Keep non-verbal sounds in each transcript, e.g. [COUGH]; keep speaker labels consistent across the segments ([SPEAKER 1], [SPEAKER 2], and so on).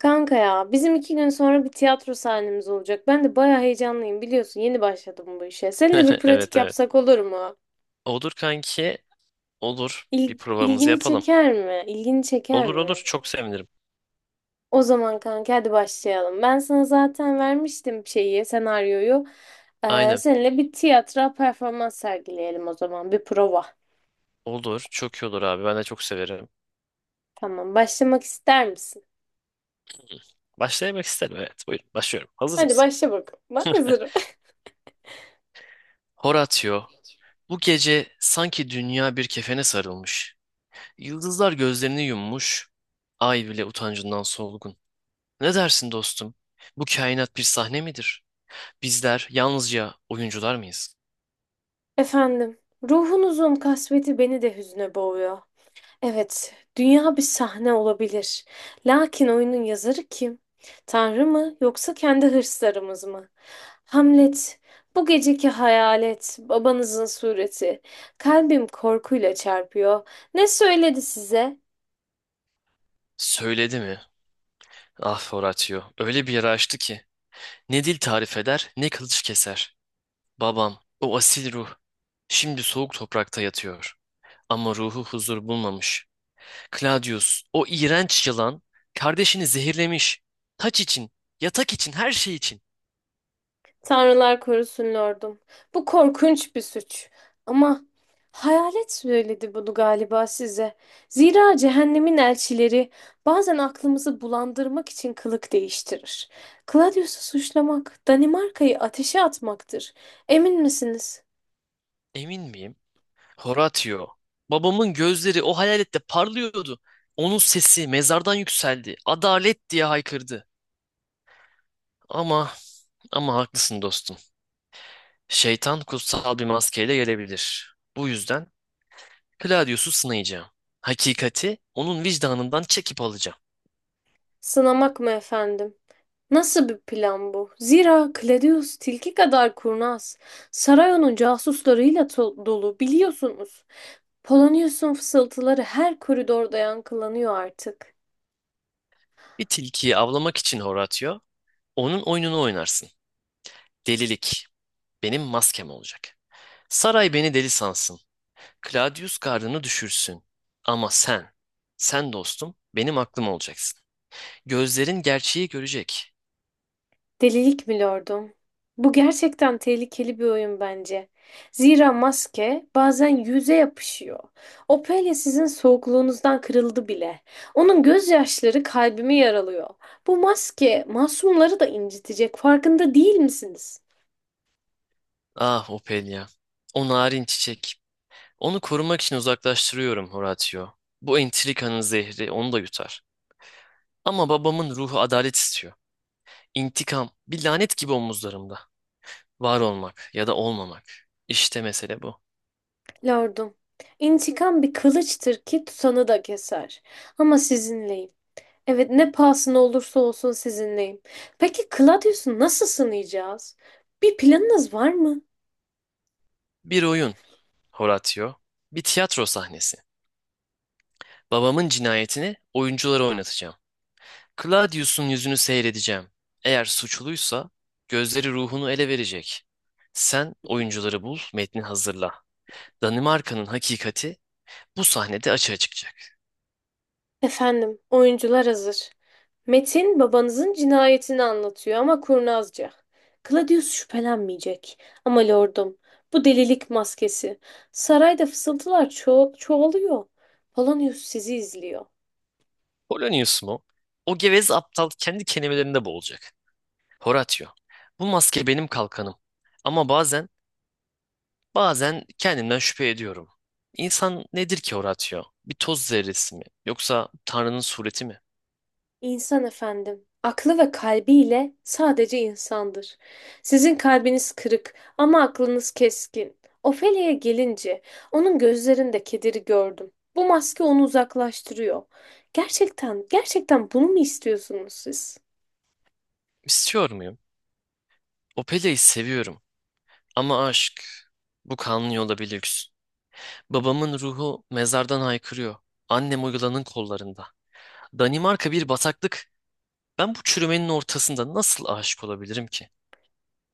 [SPEAKER 1] Kanka ya bizim iki gün sonra bir tiyatro sahnemiz olacak. Ben de bayağı heyecanlıyım biliyorsun yeni başladım bu işe. Seninle bir
[SPEAKER 2] [LAUGHS] Evet,
[SPEAKER 1] pratik
[SPEAKER 2] evet.
[SPEAKER 1] yapsak olur mu?
[SPEAKER 2] Olur kanki. Olur. Bir provamızı
[SPEAKER 1] İlgini
[SPEAKER 2] yapalım.
[SPEAKER 1] çeker mi? İlgini çeker
[SPEAKER 2] Olur, olur.
[SPEAKER 1] mi?
[SPEAKER 2] Çok sevinirim.
[SPEAKER 1] O zaman kanka hadi başlayalım. Ben sana zaten vermiştim şeyi, senaryoyu.
[SPEAKER 2] Aynen.
[SPEAKER 1] Seninle bir tiyatro performans sergileyelim o zaman. Bir prova.
[SPEAKER 2] Olur. Çok iyi olur abi. Ben de çok severim.
[SPEAKER 1] Tamam başlamak ister misin?
[SPEAKER 2] Başlayamak isterim. Evet. Buyurun. Başlıyorum. Hazır
[SPEAKER 1] Hadi
[SPEAKER 2] mısın?
[SPEAKER 1] başla bakalım. Ben hazırım.
[SPEAKER 2] Horatio. Bu gece sanki dünya bir kefene sarılmış. Yıldızlar gözlerini yummuş. Ay bile utancından solgun. Ne dersin dostum? Bu kainat bir sahne midir? Bizler yalnızca oyuncular mıyız?
[SPEAKER 1] [LAUGHS] Efendim, ruhunuzun kasveti beni de hüzne boğuyor. Evet, dünya bir sahne olabilir. Lakin oyunun yazarı kim? Tanrı mı yoksa kendi hırslarımız mı? Hamlet, bu geceki hayalet, babanızın sureti. Kalbim korkuyla çarpıyor. Ne söyledi size?
[SPEAKER 2] Söyledi mi? Ah Horatio. Öyle bir yara açtı ki. Ne dil tarif eder, ne kılıç keser. Babam, o asil ruh, şimdi soğuk toprakta yatıyor. Ama ruhu huzur bulmamış. Claudius, o iğrenç yılan, kardeşini zehirlemiş. Taç için, yatak için, her şey için.
[SPEAKER 1] Tanrılar korusun lordum. Bu korkunç bir suç. Ama hayalet söyledi bunu galiba size. Zira cehennemin elçileri bazen aklımızı bulandırmak için kılık değiştirir. Claudius'u suçlamak, Danimarka'yı ateşe atmaktır. Emin misiniz?
[SPEAKER 2] Emin miyim? Horatio, babamın gözleri o hayalette parlıyordu. Onun sesi mezardan yükseldi. Adalet diye haykırdı. Ama, ama haklısın dostum. Şeytan kutsal bir maskeyle gelebilir. Bu yüzden Claudius'u sınayacağım. Hakikati onun vicdanından çekip alacağım.
[SPEAKER 1] Sınamak mı efendim? Nasıl bir plan bu? Zira Claudius tilki kadar kurnaz. Saray onun casuslarıyla dolu biliyorsunuz. Polonius'un fısıltıları her koridorda yankılanıyor artık.
[SPEAKER 2] Bir tilkiyi avlamak için Horatio, onun oyununu oynarsın. Delilik benim maskem olacak. Saray beni deli sansın. Claudius gardını düşürsün. Ama sen, sen dostum benim aklım olacaksın. Gözlerin gerçeği görecek.
[SPEAKER 1] Delilik mi lordum? Bu gerçekten tehlikeli bir oyun bence. Zira maske bazen yüze yapışıyor. Ophelia sizin soğukluğunuzdan kırıldı bile. Onun gözyaşları kalbimi yaralıyor. Bu maske masumları da incitecek. Farkında değil misiniz?
[SPEAKER 2] Ah Ophelia. O narin çiçek. Onu korumak için uzaklaştırıyorum Horatio. Bu entrikanın zehri onu da yutar. Ama babamın ruhu adalet istiyor. İntikam, bir lanet gibi omuzlarımda. Var olmak ya da olmamak. İşte mesele bu.
[SPEAKER 1] Lordum, intikam bir kılıçtır ki tutanı da keser. Ama sizinleyim. Evet, ne pahasına olursa olsun sizinleyim. Peki Claudius'u nasıl sınayacağız? Bir planınız var mı?
[SPEAKER 2] Bir oyun, Horatio. Bir tiyatro sahnesi. Babamın cinayetini oyunculara oynatacağım. Claudius'un yüzünü seyredeceğim. Eğer suçluysa gözleri ruhunu ele verecek. Sen oyuncuları bul, metni hazırla. Danimarka'nın hakikati bu sahnede açığa çıkacak.
[SPEAKER 1] Efendim, oyuncular hazır. Metin babanızın cinayetini anlatıyor ama kurnazca. Claudius şüphelenmeyecek. Ama lordum, bu delilik maskesi. Sarayda fısıltılar çoğalıyor. Polonius sizi izliyor.
[SPEAKER 2] Polonius mu? O gevez aptal kendi kelimelerinde boğulacak. Horatio. Bu maske benim kalkanım. Ama bazen, bazen kendimden şüphe ediyorum. İnsan nedir ki Horatio? Bir toz zerresi mi? Yoksa Tanrı'nın sureti mi?
[SPEAKER 1] İnsan efendim, aklı ve kalbiyle sadece insandır. Sizin kalbiniz kırık ama aklınız keskin. Ofelia'ya gelince onun gözlerinde kederi gördüm. Bu maske onu uzaklaştırıyor. Gerçekten, gerçekten bunu mu istiyorsunuz siz?
[SPEAKER 2] İstiyor muyum? Opelia'yı seviyorum. Ama aşk, bu kanlı yolda bir lüks. Babamın ruhu mezardan haykırıyor. Annem uygulanın kollarında. Danimarka bir bataklık. Ben bu çürümenin ortasında nasıl aşık olabilirim ki?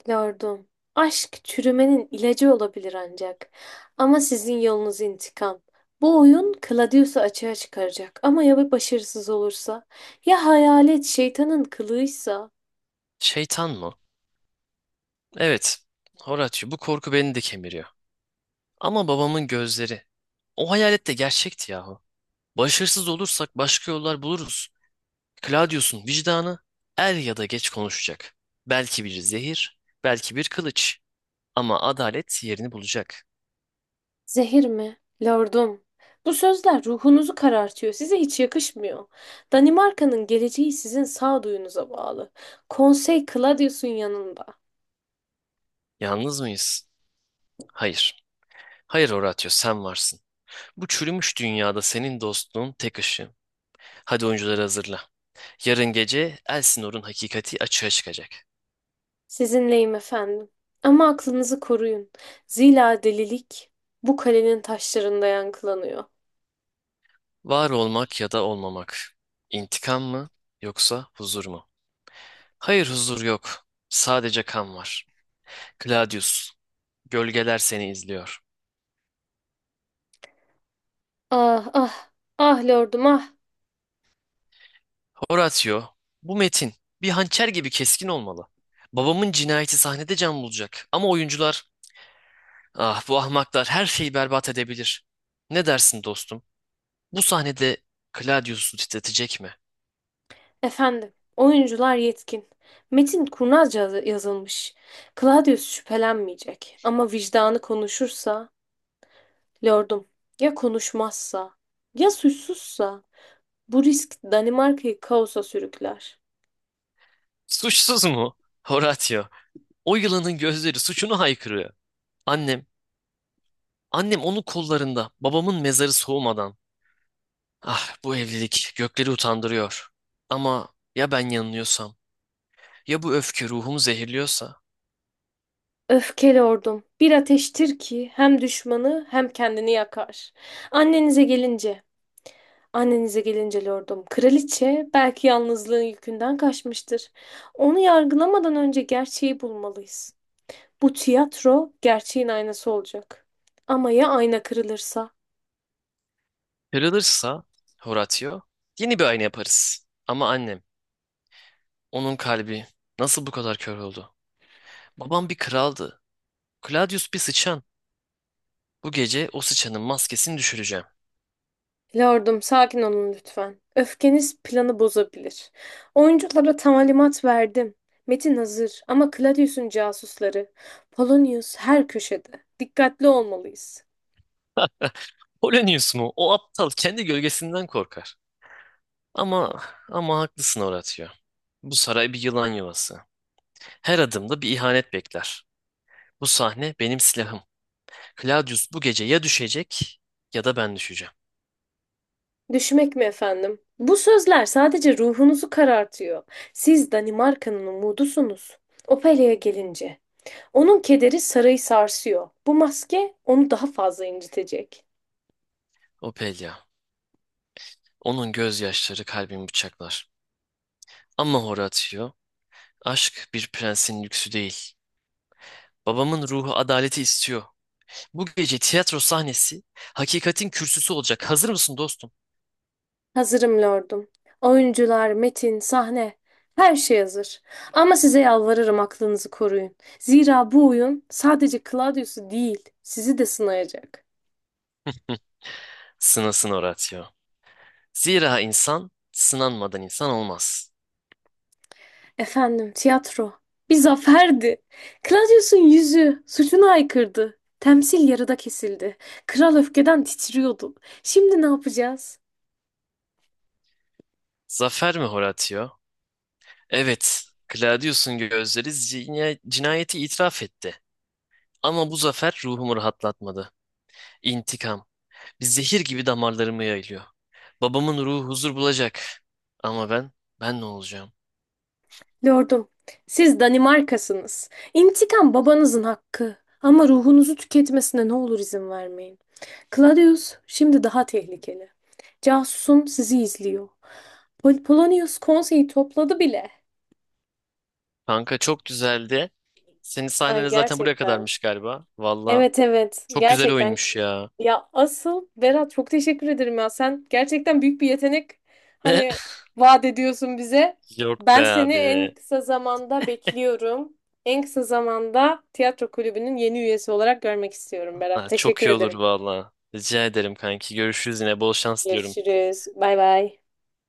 [SPEAKER 1] Lordum, aşk çürümenin ilacı olabilir ancak. Ama sizin yolunuz intikam. Bu oyun Claudius'u açığa çıkaracak ama ya bir başarısız olursa? Ya hayalet şeytanın kılığıysa?
[SPEAKER 2] Şeytan mı? Evet. Horatio, bu korku beni de kemiriyor. Ama babamın gözleri. O hayalet de gerçekti yahu. Başarısız olursak başka yollar buluruz. Claudius'un vicdanı er ya da geç konuşacak. Belki bir zehir, belki bir kılıç. Ama adalet yerini bulacak.
[SPEAKER 1] Zehir mi? Lordum. Bu sözler ruhunuzu karartıyor. Size hiç yakışmıyor. Danimarka'nın geleceği sizin sağduyunuza bağlı. Konsey Claudius'un yanında.
[SPEAKER 2] Yalnız mıyız? Hayır. Hayır Horatio, sen varsın. Bu çürümüş dünyada senin dostluğun tek ışığım. Hadi oyuncuları hazırla. Yarın gece Elsinor'un hakikati açığa çıkacak.
[SPEAKER 1] Sizinleyim efendim. Ama aklınızı koruyun. Zira delilik bu kalenin taşlarında yankılanıyor.
[SPEAKER 2] Var olmak ya da olmamak. İntikam mı yoksa huzur mu? Hayır, huzur yok. Sadece kan var. Claudius, gölgeler seni izliyor.
[SPEAKER 1] Ah ah. Ah lordum ah.
[SPEAKER 2] Horatio, bu metin bir hançer gibi keskin olmalı. Babamın cinayeti sahnede can bulacak. Ama oyuncular, ah bu ahmaklar her şeyi berbat edebilir. Ne dersin dostum? Bu sahnede Claudius'u titretecek mi?
[SPEAKER 1] Efendim. Oyuncular yetkin. Metin kurnazca yazılmış. Claudius şüphelenmeyecek. Ama vicdanı konuşursa lordum, ya konuşmazsa, ya suçsuzsa bu risk Danimarka'yı kaosa sürükler.
[SPEAKER 2] Suçsuz mu? Horatio. O yılanın gözleri suçunu haykırıyor. Annem, annem onun kollarında, babamın mezarı soğumadan. Ah, bu evlilik gökleri utandırıyor. Ama ya ben yanılıyorsam, ya bu öfke ruhumu zehirliyorsa,
[SPEAKER 1] Öfke lordum, bir ateştir ki hem düşmanı hem kendini yakar. Annenize gelince, annenize gelince lordum, kraliçe belki yalnızlığın yükünden kaçmıştır. Onu yargılamadan önce gerçeği bulmalıyız. Bu tiyatro gerçeğin aynası olacak. Ama ya ayna kırılırsa?
[SPEAKER 2] kırılırsa Horatio, yeni bir ayna yaparız. Ama annem, onun kalbi nasıl bu kadar kör oldu? Babam bir kraldı. Claudius bir sıçan. Bu gece o sıçanın maskesini düşüreceğim.
[SPEAKER 1] Lordum, sakin olun lütfen. Öfkeniz planı bozabilir. Oyunculara talimat verdim. Metin hazır ama Claudius'un casusları. Polonius her köşede. Dikkatli olmalıyız.
[SPEAKER 2] Polonius mu? O aptal kendi gölgesinden korkar. Ama ama haklısın Horatio. Bu saray bir yılan yuvası. Her adımda bir ihanet bekler. Bu sahne benim silahım. Claudius bu gece ya düşecek ya da ben düşeceğim.
[SPEAKER 1] Düşmek mi efendim? Bu sözler sadece ruhunuzu karartıyor. Siz Danimarka'nın umudusunuz. Opelia'ya gelince. Onun kederi sarayı sarsıyor. Bu maske onu daha fazla incitecek.
[SPEAKER 2] Opelia. Onun gözyaşları kalbimi bıçaklar. Ama Horatio, aşk bir prensin lüksü değil. Babamın ruhu adaleti istiyor. Bu gece tiyatro sahnesi hakikatin kürsüsü olacak. Hazır mısın dostum?
[SPEAKER 1] Hazırım lordum. Oyuncular, metin, sahne, her şey hazır. Ama size yalvarırım aklınızı koruyun. Zira bu oyun sadece Claudius'u değil, sizi de sınayacak.
[SPEAKER 2] Sınasın Horatio. Zira insan sınanmadan insan olmaz.
[SPEAKER 1] Efendim, tiyatro bir zaferdi. Claudius'un yüzü suçuna aykırdı. Temsil yarıda kesildi. Kral öfkeden titriyordu. Şimdi ne yapacağız?
[SPEAKER 2] Zafer mi Horatio? Evet, Claudius'un gözleri cinayeti itiraf etti. Ama bu zafer ruhumu rahatlatmadı. İntikam, bir zehir gibi damarlarımı yayılıyor. Babamın ruhu huzur bulacak. Ama ben, ben ne olacağım?
[SPEAKER 1] Lordum, siz Danimarkasınız. İntikam babanızın hakkı. Ama ruhunuzu tüketmesine ne olur izin vermeyin. Claudius şimdi daha tehlikeli. Casusum sizi izliyor. Polonius konseyi topladı bile.
[SPEAKER 2] Kanka çok güzeldi. Senin
[SPEAKER 1] Ay
[SPEAKER 2] sahnene zaten buraya
[SPEAKER 1] gerçekten.
[SPEAKER 2] kadarmış galiba. Valla
[SPEAKER 1] Evet evet,
[SPEAKER 2] çok güzel
[SPEAKER 1] gerçekten.
[SPEAKER 2] oyunmuş ya.
[SPEAKER 1] Ya asıl Berat çok teşekkür ederim ya. Sen gerçekten büyük bir yetenek
[SPEAKER 2] [LAUGHS]
[SPEAKER 1] hani vaat ediyorsun bize.
[SPEAKER 2] Yok be
[SPEAKER 1] Ben seni en
[SPEAKER 2] abi.
[SPEAKER 1] kısa zamanda bekliyorum. En kısa zamanda tiyatro kulübünün yeni üyesi olarak görmek istiyorum Berat.
[SPEAKER 2] Ha, çok
[SPEAKER 1] Teşekkür
[SPEAKER 2] iyi olur
[SPEAKER 1] ederim.
[SPEAKER 2] valla. Rica ederim kanki. Görüşürüz yine. Bol şans diliyorum.
[SPEAKER 1] Görüşürüz. Bay bay.